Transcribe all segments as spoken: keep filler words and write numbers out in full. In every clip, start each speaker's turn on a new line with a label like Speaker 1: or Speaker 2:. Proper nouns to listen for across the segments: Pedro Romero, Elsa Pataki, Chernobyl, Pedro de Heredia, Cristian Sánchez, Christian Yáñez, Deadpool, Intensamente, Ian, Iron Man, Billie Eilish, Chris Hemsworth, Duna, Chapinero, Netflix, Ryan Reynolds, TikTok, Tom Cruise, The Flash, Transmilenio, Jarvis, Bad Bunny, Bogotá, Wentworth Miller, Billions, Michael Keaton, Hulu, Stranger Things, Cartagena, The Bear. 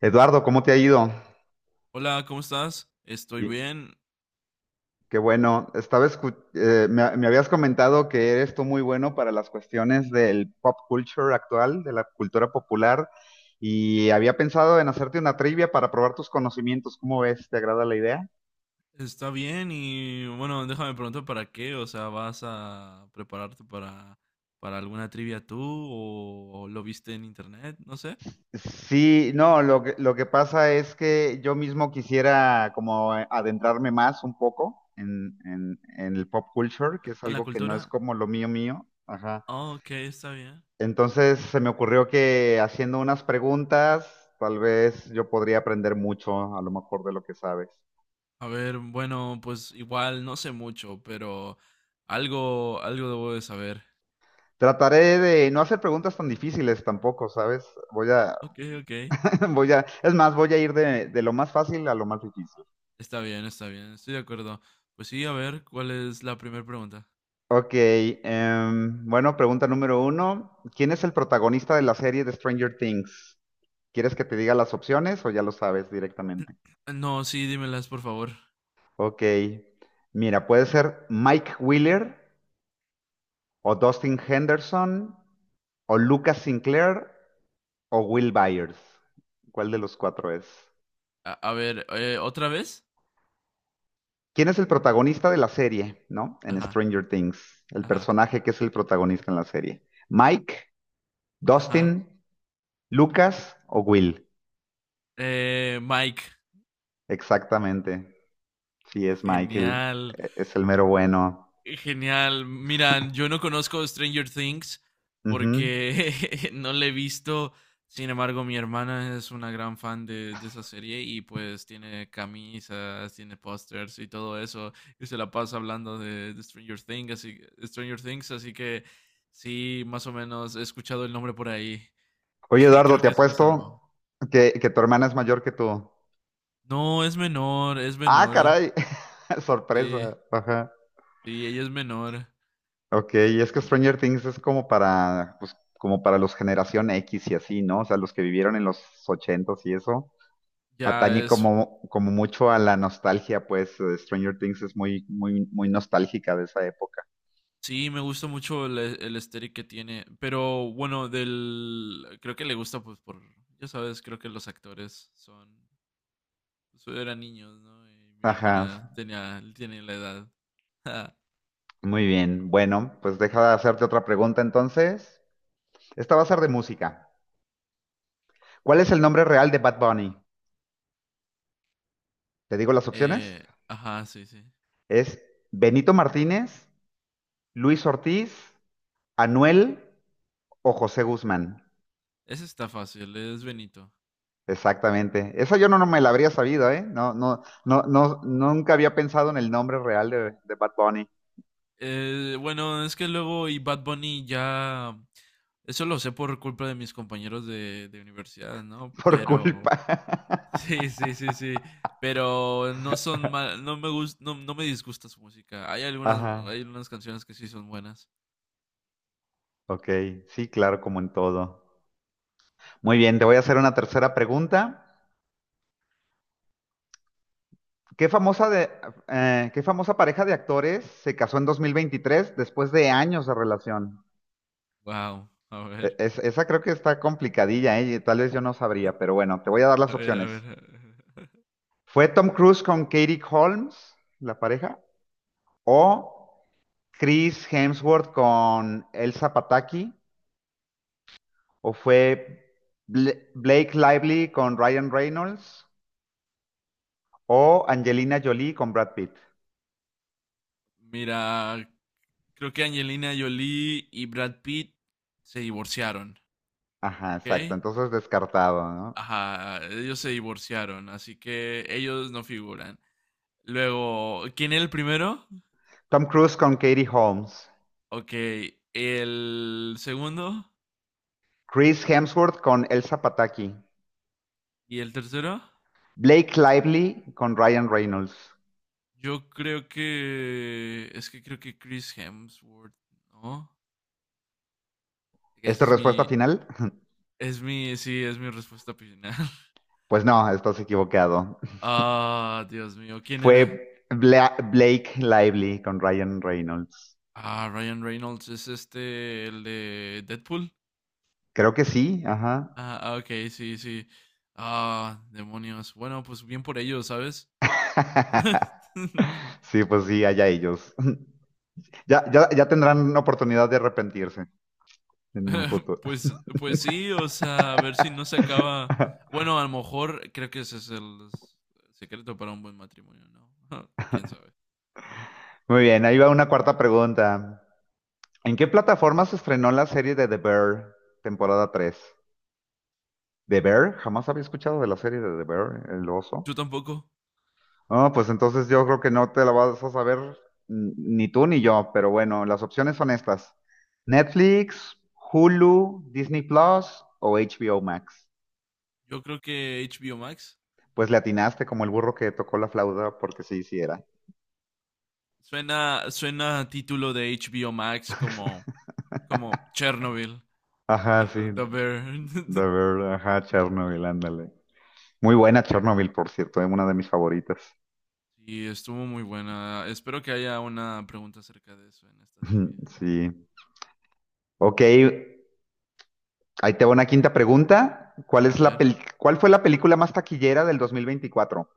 Speaker 1: Eduardo, ¿cómo te ha ido?
Speaker 2: Hola, ¿cómo estás? Estoy
Speaker 1: Y
Speaker 2: bien,
Speaker 1: qué bueno, estaba escu- eh, me, me habías comentado que eres tú muy bueno para las cuestiones del pop culture actual, de la cultura popular, y había pensado en hacerte una trivia para probar tus conocimientos. ¿Cómo ves? ¿Te agrada la idea?
Speaker 2: está bien. Y bueno, déjame preguntar para qué, o sea, ¿vas a prepararte para, para alguna trivia tú o, o lo viste en internet? No sé,
Speaker 1: Sí, no, lo que, lo que pasa es que yo mismo quisiera como adentrarme más un poco en, en, en el pop culture, que es
Speaker 2: en la
Speaker 1: algo que no es
Speaker 2: cultura.
Speaker 1: como lo mío mío. Ajá.
Speaker 2: Ah, ok, está bien.
Speaker 1: Entonces se me ocurrió que haciendo unas preguntas, tal vez yo podría aprender mucho, a lo mejor de lo que sabes.
Speaker 2: A ver, bueno, pues igual no sé mucho, pero algo, algo debo de saber.
Speaker 1: Trataré de no hacer preguntas tan difíciles tampoco, ¿sabes? Voy a,
Speaker 2: Ok, ok,
Speaker 1: voy a, es más, voy a ir de, de lo más fácil a lo más difícil.
Speaker 2: está bien, está bien, estoy de acuerdo. Pues sí, a ver, ¿cuál es la primera pregunta?
Speaker 1: Ok, em, bueno, pregunta número uno. ¿Quién es el protagonista de la serie de Stranger Things? ¿Quieres que te diga las opciones o ya lo sabes directamente?
Speaker 2: No, sí, dímelas, por favor.
Speaker 1: Ok, mira, puede ser Mike Wheeler, o Dustin Henderson, o Lucas Sinclair, o Will Byers. ¿Cuál de los cuatro es?
Speaker 2: A, a ver, eh, ¿otra vez?
Speaker 1: ¿Quién es el protagonista de la serie, no? En
Speaker 2: Ajá.
Speaker 1: Stranger Things, el
Speaker 2: Ajá,
Speaker 1: personaje que es el protagonista en la serie. Mike,
Speaker 2: ajá.
Speaker 1: Dustin, Lucas o Will.
Speaker 2: Eh, Mike,
Speaker 1: Exactamente. Sí, es Michael.
Speaker 2: genial,
Speaker 1: Es el mero bueno.
Speaker 2: genial. Miran, yo no conozco Stranger Things
Speaker 1: Ujú.
Speaker 2: porque no le he visto. Sin embargo, mi hermana es una gran fan de, de esa serie y pues tiene camisas, tiene pósters y todo eso. Y se la pasa hablando de, de Stranger Things, así, Stranger Things, así que sí, más o menos he escuchado el nombre por ahí.
Speaker 1: Oye,
Speaker 2: Y
Speaker 1: Eduardo,
Speaker 2: creo
Speaker 1: te
Speaker 2: que eso me salvó.
Speaker 1: apuesto que, que tu hermana es mayor que tú.
Speaker 2: No, es menor, es
Speaker 1: Ah,
Speaker 2: menor.
Speaker 1: caray.
Speaker 2: Sí,
Speaker 1: Sorpresa. Ajá.
Speaker 2: sí, ella es menor.
Speaker 1: Ok, y es que
Speaker 2: Sí,
Speaker 1: Stranger Things es como para, pues, como para los generación X y así, ¿no? O sea, los que vivieron en los ochentas y eso.
Speaker 2: ya
Speaker 1: Atañe
Speaker 2: es,
Speaker 1: como, como mucho a la nostalgia, pues eh, Stranger Things es muy, muy, muy nostálgica de esa época.
Speaker 2: sí, me gusta mucho el, e, el aesthetic que tiene, pero bueno, del, creo que le gusta pues por, ya sabes, creo que los actores son, pues, eran niños, ¿no? Y mi
Speaker 1: Ajá,
Speaker 2: hermana tenía, tiene la edad.
Speaker 1: muy bien. Bueno, pues deja de hacerte otra pregunta entonces. Esta va a ser de música. ¿Cuál es el nombre real de Bad Bunny? Te digo las opciones.
Speaker 2: Eh, ajá, sí, sí.
Speaker 1: Es Benito Martínez, Luis Ortiz, Anuel o José Guzmán.
Speaker 2: Ese está fácil, es Benito.
Speaker 1: Exactamente. Esa yo no, no me la habría sabido, ¿eh? No, no, no, no, nunca había pensado en el nombre real de, de Bad Bunny
Speaker 2: Eh, bueno, es que luego y Bad Bunny ya, eso lo sé por culpa de mis compañeros de, de universidad, ¿no?
Speaker 1: por culpa.
Speaker 2: Pero sí, sí, sí, sí. Pero no son mal, no me gus- no, no me disgusta su música. Hay algunas,
Speaker 1: Ajá.
Speaker 2: hay algunas canciones que sí son buenas.
Speaker 1: Ok, sí, claro, como en todo. Muy bien, te voy a hacer una tercera pregunta. ¿Qué famosa de, eh, qué famosa pareja de actores se casó en dos mil veintitrés después de años de relación?
Speaker 2: Wow, a
Speaker 1: E-
Speaker 2: ver,
Speaker 1: es- esa creo que está complicadilla, ¿eh? Y tal vez yo no sabría, pero bueno, te voy a dar
Speaker 2: a
Speaker 1: las
Speaker 2: ver, a ver.
Speaker 1: opciones.
Speaker 2: A ver.
Speaker 1: ¿Fue Tom Cruise con Katie Holmes, la pareja? ¿O Chris Hemsworth con Elsa Pataki? ¿O fue Bla- Blake Lively con Ryan Reynolds? ¿O Angelina Jolie con Brad Pitt?
Speaker 2: Mira, creo que Angelina Jolie y Brad Pitt se divorciaron,
Speaker 1: Ajá, exacto.
Speaker 2: ¿ok?
Speaker 1: Entonces descartado, ¿no?
Speaker 2: Ajá, ellos se divorciaron, así que ellos no figuran. Luego, ¿quién era el primero?
Speaker 1: Tom Cruise con Katie Holmes.
Speaker 2: Ok, el segundo
Speaker 1: Chris Hemsworth con Elsa Pataki.
Speaker 2: y el tercero.
Speaker 1: Blake Lively con Ryan Reynolds.
Speaker 2: Yo creo que es que Creo que Chris Hemsworth, ¿no?
Speaker 1: ¿Es
Speaker 2: Esa
Speaker 1: tu
Speaker 2: es
Speaker 1: respuesta
Speaker 2: mi,
Speaker 1: final?
Speaker 2: es mi, sí, es mi respuesta final.
Speaker 1: Pues no, estás equivocado.
Speaker 2: Ah, Dios mío, ¿quién era?
Speaker 1: Fue Bla- Blake Lively con Ryan Reynolds.
Speaker 2: Ah, Ryan Reynolds es este, el de Deadpool.
Speaker 1: Creo que sí, ajá.
Speaker 2: Ah, ah, ok, sí, sí. Ah, demonios. Bueno, pues bien por ellos, ¿sabes?
Speaker 1: Sí, pues sí, allá ellos. Ya, ya, ya tendrán oportunidad de arrepentirse en un futuro.
Speaker 2: Pues, pues sí, o sea, a ver si no se acaba. Bueno, a lo mejor creo que ese es el secreto para un buen matrimonio, ¿no? ¿Quién sabe?
Speaker 1: Muy bien, ahí va una cuarta pregunta. ¿En qué plataforma se estrenó la serie de The Bear, temporada tres? ¿The Bear? Jamás había escuchado de la serie de The Bear, el oso.
Speaker 2: Yo tampoco.
Speaker 1: Ah, pues entonces yo creo que no te la vas a saber n- ni tú ni yo, pero bueno, las opciones son estas. Netflix, Hulu, Disney Plus o H B O Max.
Speaker 2: Yo creo que H B O Max.
Speaker 1: Pues le atinaste como el burro que tocó la flauta porque sí, sí era.
Speaker 2: Suena, suena a título de H B O Max, como como Chernobyl.
Speaker 1: Ajá, sí,
Speaker 2: The Bear.
Speaker 1: de ver, ajá, Chernobyl, ándale. Muy buena Chernobyl, por cierto, es una de mis favoritas.
Speaker 2: Y estuvo muy buena. Espero que haya una pregunta acerca de eso en esta trivia.
Speaker 1: Sí. Ok, ahí te va una quinta pregunta. ¿Cuál
Speaker 2: A
Speaker 1: es la
Speaker 2: ver,
Speaker 1: peli, cuál fue la película más taquillera del dos mil veinticuatro?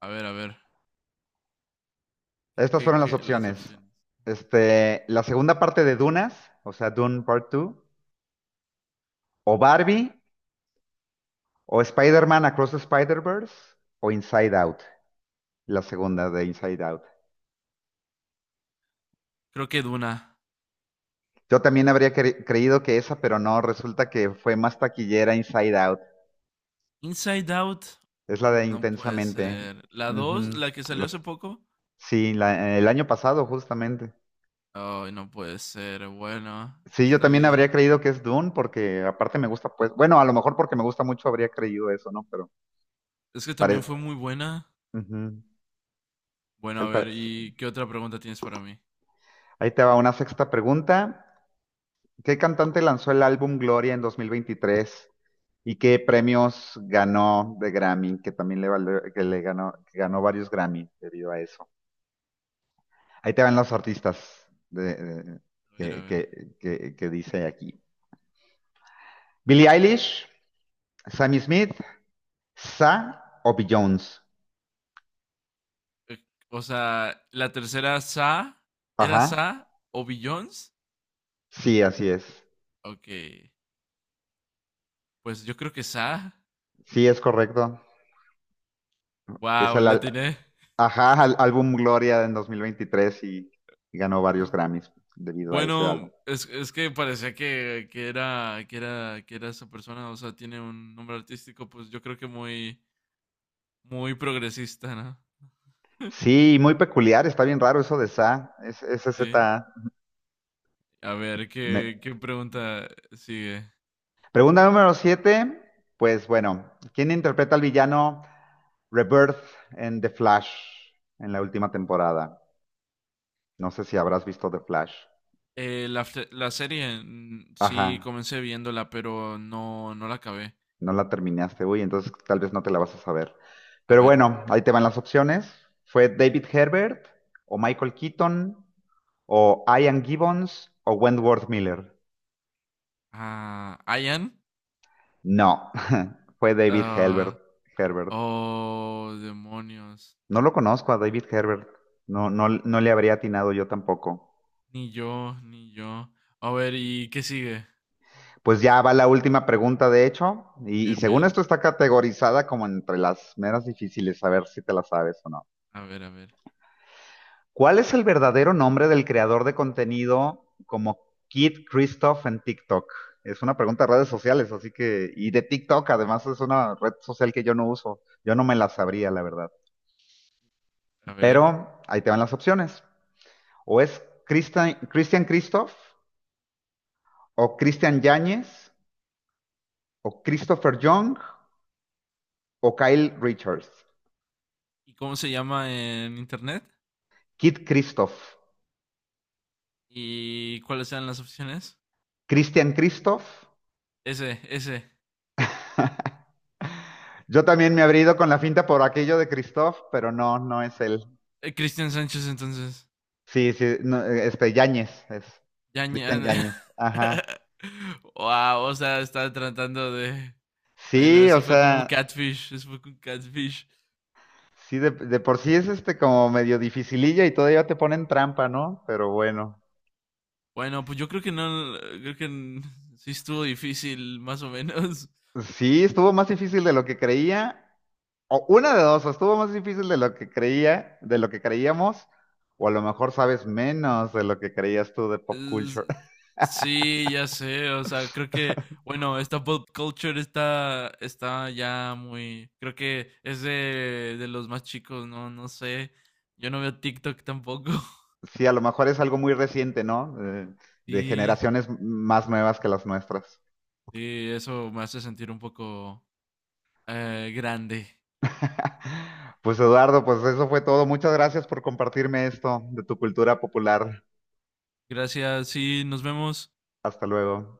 Speaker 2: a ver, a ver. ¿Qué,
Speaker 1: Estas
Speaker 2: qué,
Speaker 1: fueron las
Speaker 2: qué- las
Speaker 1: opciones.
Speaker 2: opciones?
Speaker 1: Este, la segunda parte de Dunas, o sea, Dune Part dos, o Barbie, o Spider-Man Across the Spider-Verse, o Inside Out. La segunda de Inside Out.
Speaker 2: Creo que Duna.
Speaker 1: Yo también habría cre- creído que esa, pero no, resulta que fue más taquillera Inside Out.
Speaker 2: Inside Out.
Speaker 1: Es la de
Speaker 2: No puede
Speaker 1: Intensamente.
Speaker 2: ser. La dos,
Speaker 1: Ujú.
Speaker 2: la que salió
Speaker 1: Los-
Speaker 2: hace poco.
Speaker 1: sí, la- el año pasado justamente.
Speaker 2: Ay, no puede ser. Bueno,
Speaker 1: Sí, yo
Speaker 2: está
Speaker 1: también habría
Speaker 2: bien.
Speaker 1: creído que es Dune porque aparte me gusta, pues, bueno, a lo mejor porque me gusta mucho habría creído eso, ¿no? Pero
Speaker 2: Es que también
Speaker 1: parece...
Speaker 2: fue muy buena. Bueno, a ver, ¿y qué otra pregunta tienes para mí?
Speaker 1: Ahí te va una sexta pregunta. ¿Qué cantante lanzó el álbum Gloria en dos mil veintitrés? ¿Y qué premios ganó de Grammy? Que también le valió- que le ganó, que ganó varios Grammy debido a eso. Ahí te van los artistas de- de-
Speaker 2: A ver, a
Speaker 1: que,
Speaker 2: ver.
Speaker 1: que- que- que dice aquí. Billie Eilish, Sammy Smith, Sa o Jones.
Speaker 2: Eh, O sea, la tercera Sa, ¿era
Speaker 1: Ajá.
Speaker 2: Sa o Billions?
Speaker 1: Sí, así es.
Speaker 2: Ok, pues yo creo que Sa.
Speaker 1: Sí, es correcto. Es
Speaker 2: Wow,
Speaker 1: el
Speaker 2: la
Speaker 1: al-
Speaker 2: atiné.
Speaker 1: ajá, al- álbum Gloria en dos mil veintitrés y, y ganó varios
Speaker 2: Mm,
Speaker 1: Grammys debido a ese álbum.
Speaker 2: Bueno, es, es que parecía que, que era, que era, que era esa persona, o sea, tiene un nombre artístico, pues yo creo que muy, muy progresista, ¿no?
Speaker 1: Sí, muy peculiar, está bien raro eso de Sa, es, ese Z.
Speaker 2: Sí.
Speaker 1: A.
Speaker 2: A ver,
Speaker 1: Me-
Speaker 2: ¿qué, qué pregunta sigue?
Speaker 1: Pregunta número siete. Pues bueno, ¿quién interpreta al villano Rebirth en The Flash, en la última temporada? No sé si habrás visto The Flash.
Speaker 2: Eh, la, fe- la serie mm, sí
Speaker 1: Ajá,
Speaker 2: comencé viéndola, pero no, no la acabé.
Speaker 1: no la terminaste. Uy, entonces tal vez no te la vas a saber.
Speaker 2: A
Speaker 1: Pero
Speaker 2: ver.
Speaker 1: bueno, ahí te van las opciones. Fue David Herbert o Michael Keaton o Ian Gibbons o Wentworth Miller.
Speaker 2: Ah, Ian.
Speaker 1: No, fue David Herbert.
Speaker 2: Ah,
Speaker 1: Herbert.
Speaker 2: oh, demonios.
Speaker 1: No lo conozco a David Herbert. No, no, no le habría atinado yo tampoco.
Speaker 2: Ni yo, ni yo. A ver, ¿y qué sigue?
Speaker 1: Pues ya va la última pregunta, de hecho, y, y
Speaker 2: Bien,
Speaker 1: según
Speaker 2: bien.
Speaker 1: esto está categorizada como entre las menos difíciles, a ver si te la sabes o no.
Speaker 2: A ver, a ver,
Speaker 1: ¿Cuál es el verdadero nombre del creador de contenido como Kid Christoph en TikTok? Es una pregunta de redes sociales, así que, y de TikTok, además es una red social que yo no uso, yo no me la sabría, la verdad.
Speaker 2: a ver.
Speaker 1: Pero ahí te van las opciones. O es Christian, Christian Christoph, o Christian Yáñez, o Christopher Young, o Kyle Richards.
Speaker 2: ¿Y cómo se llama en internet?
Speaker 1: Kid Christoph.
Speaker 2: ¿Y cuáles eran las opciones?
Speaker 1: Christian Christoph.
Speaker 2: Ese, ese.
Speaker 1: Yo también me habría ido con la finta por aquello de Christoph, pero no, no es él.
Speaker 2: Eh, Cristian Sánchez, entonces.
Speaker 1: Sí, sí, no, este, Yáñez, es
Speaker 2: Ya,
Speaker 1: Cristian
Speaker 2: ña-
Speaker 1: Yáñez. Ajá.
Speaker 2: Wow, o sea, está tratando de. Bueno,
Speaker 1: Sí, o
Speaker 2: eso fue
Speaker 1: sea,
Speaker 2: como un catfish. Eso fue como un catfish.
Speaker 1: sí, de, de por sí es este como medio dificililla y todavía te ponen trampa, ¿no? Pero bueno.
Speaker 2: Bueno, pues yo creo que no. Creo que n- sí estuvo difícil, más o menos.
Speaker 1: Sí, estuvo más difícil de lo que creía. O una de dos, o estuvo más difícil de lo que creía, de lo que creíamos, o a lo mejor sabes menos de lo que creías tú de pop
Speaker 2: Es-
Speaker 1: culture.
Speaker 2: sí, ya sé. O sea, creo que. Bueno, esta pop culture está. Está ya muy. Creo que es de, de los más chicos, ¿no? No sé. Yo no veo TikTok tampoco.
Speaker 1: Sí, a lo mejor es algo muy reciente, ¿no? Eh, de
Speaker 2: Sí.
Speaker 1: generaciones más nuevas que las nuestras.
Speaker 2: Sí, eso me hace sentir un poco, Eh, grande.
Speaker 1: Pues Eduardo, pues eso fue todo. Muchas gracias por compartirme esto de tu cultura popular.
Speaker 2: Gracias. Sí, nos vemos.
Speaker 1: Hasta luego.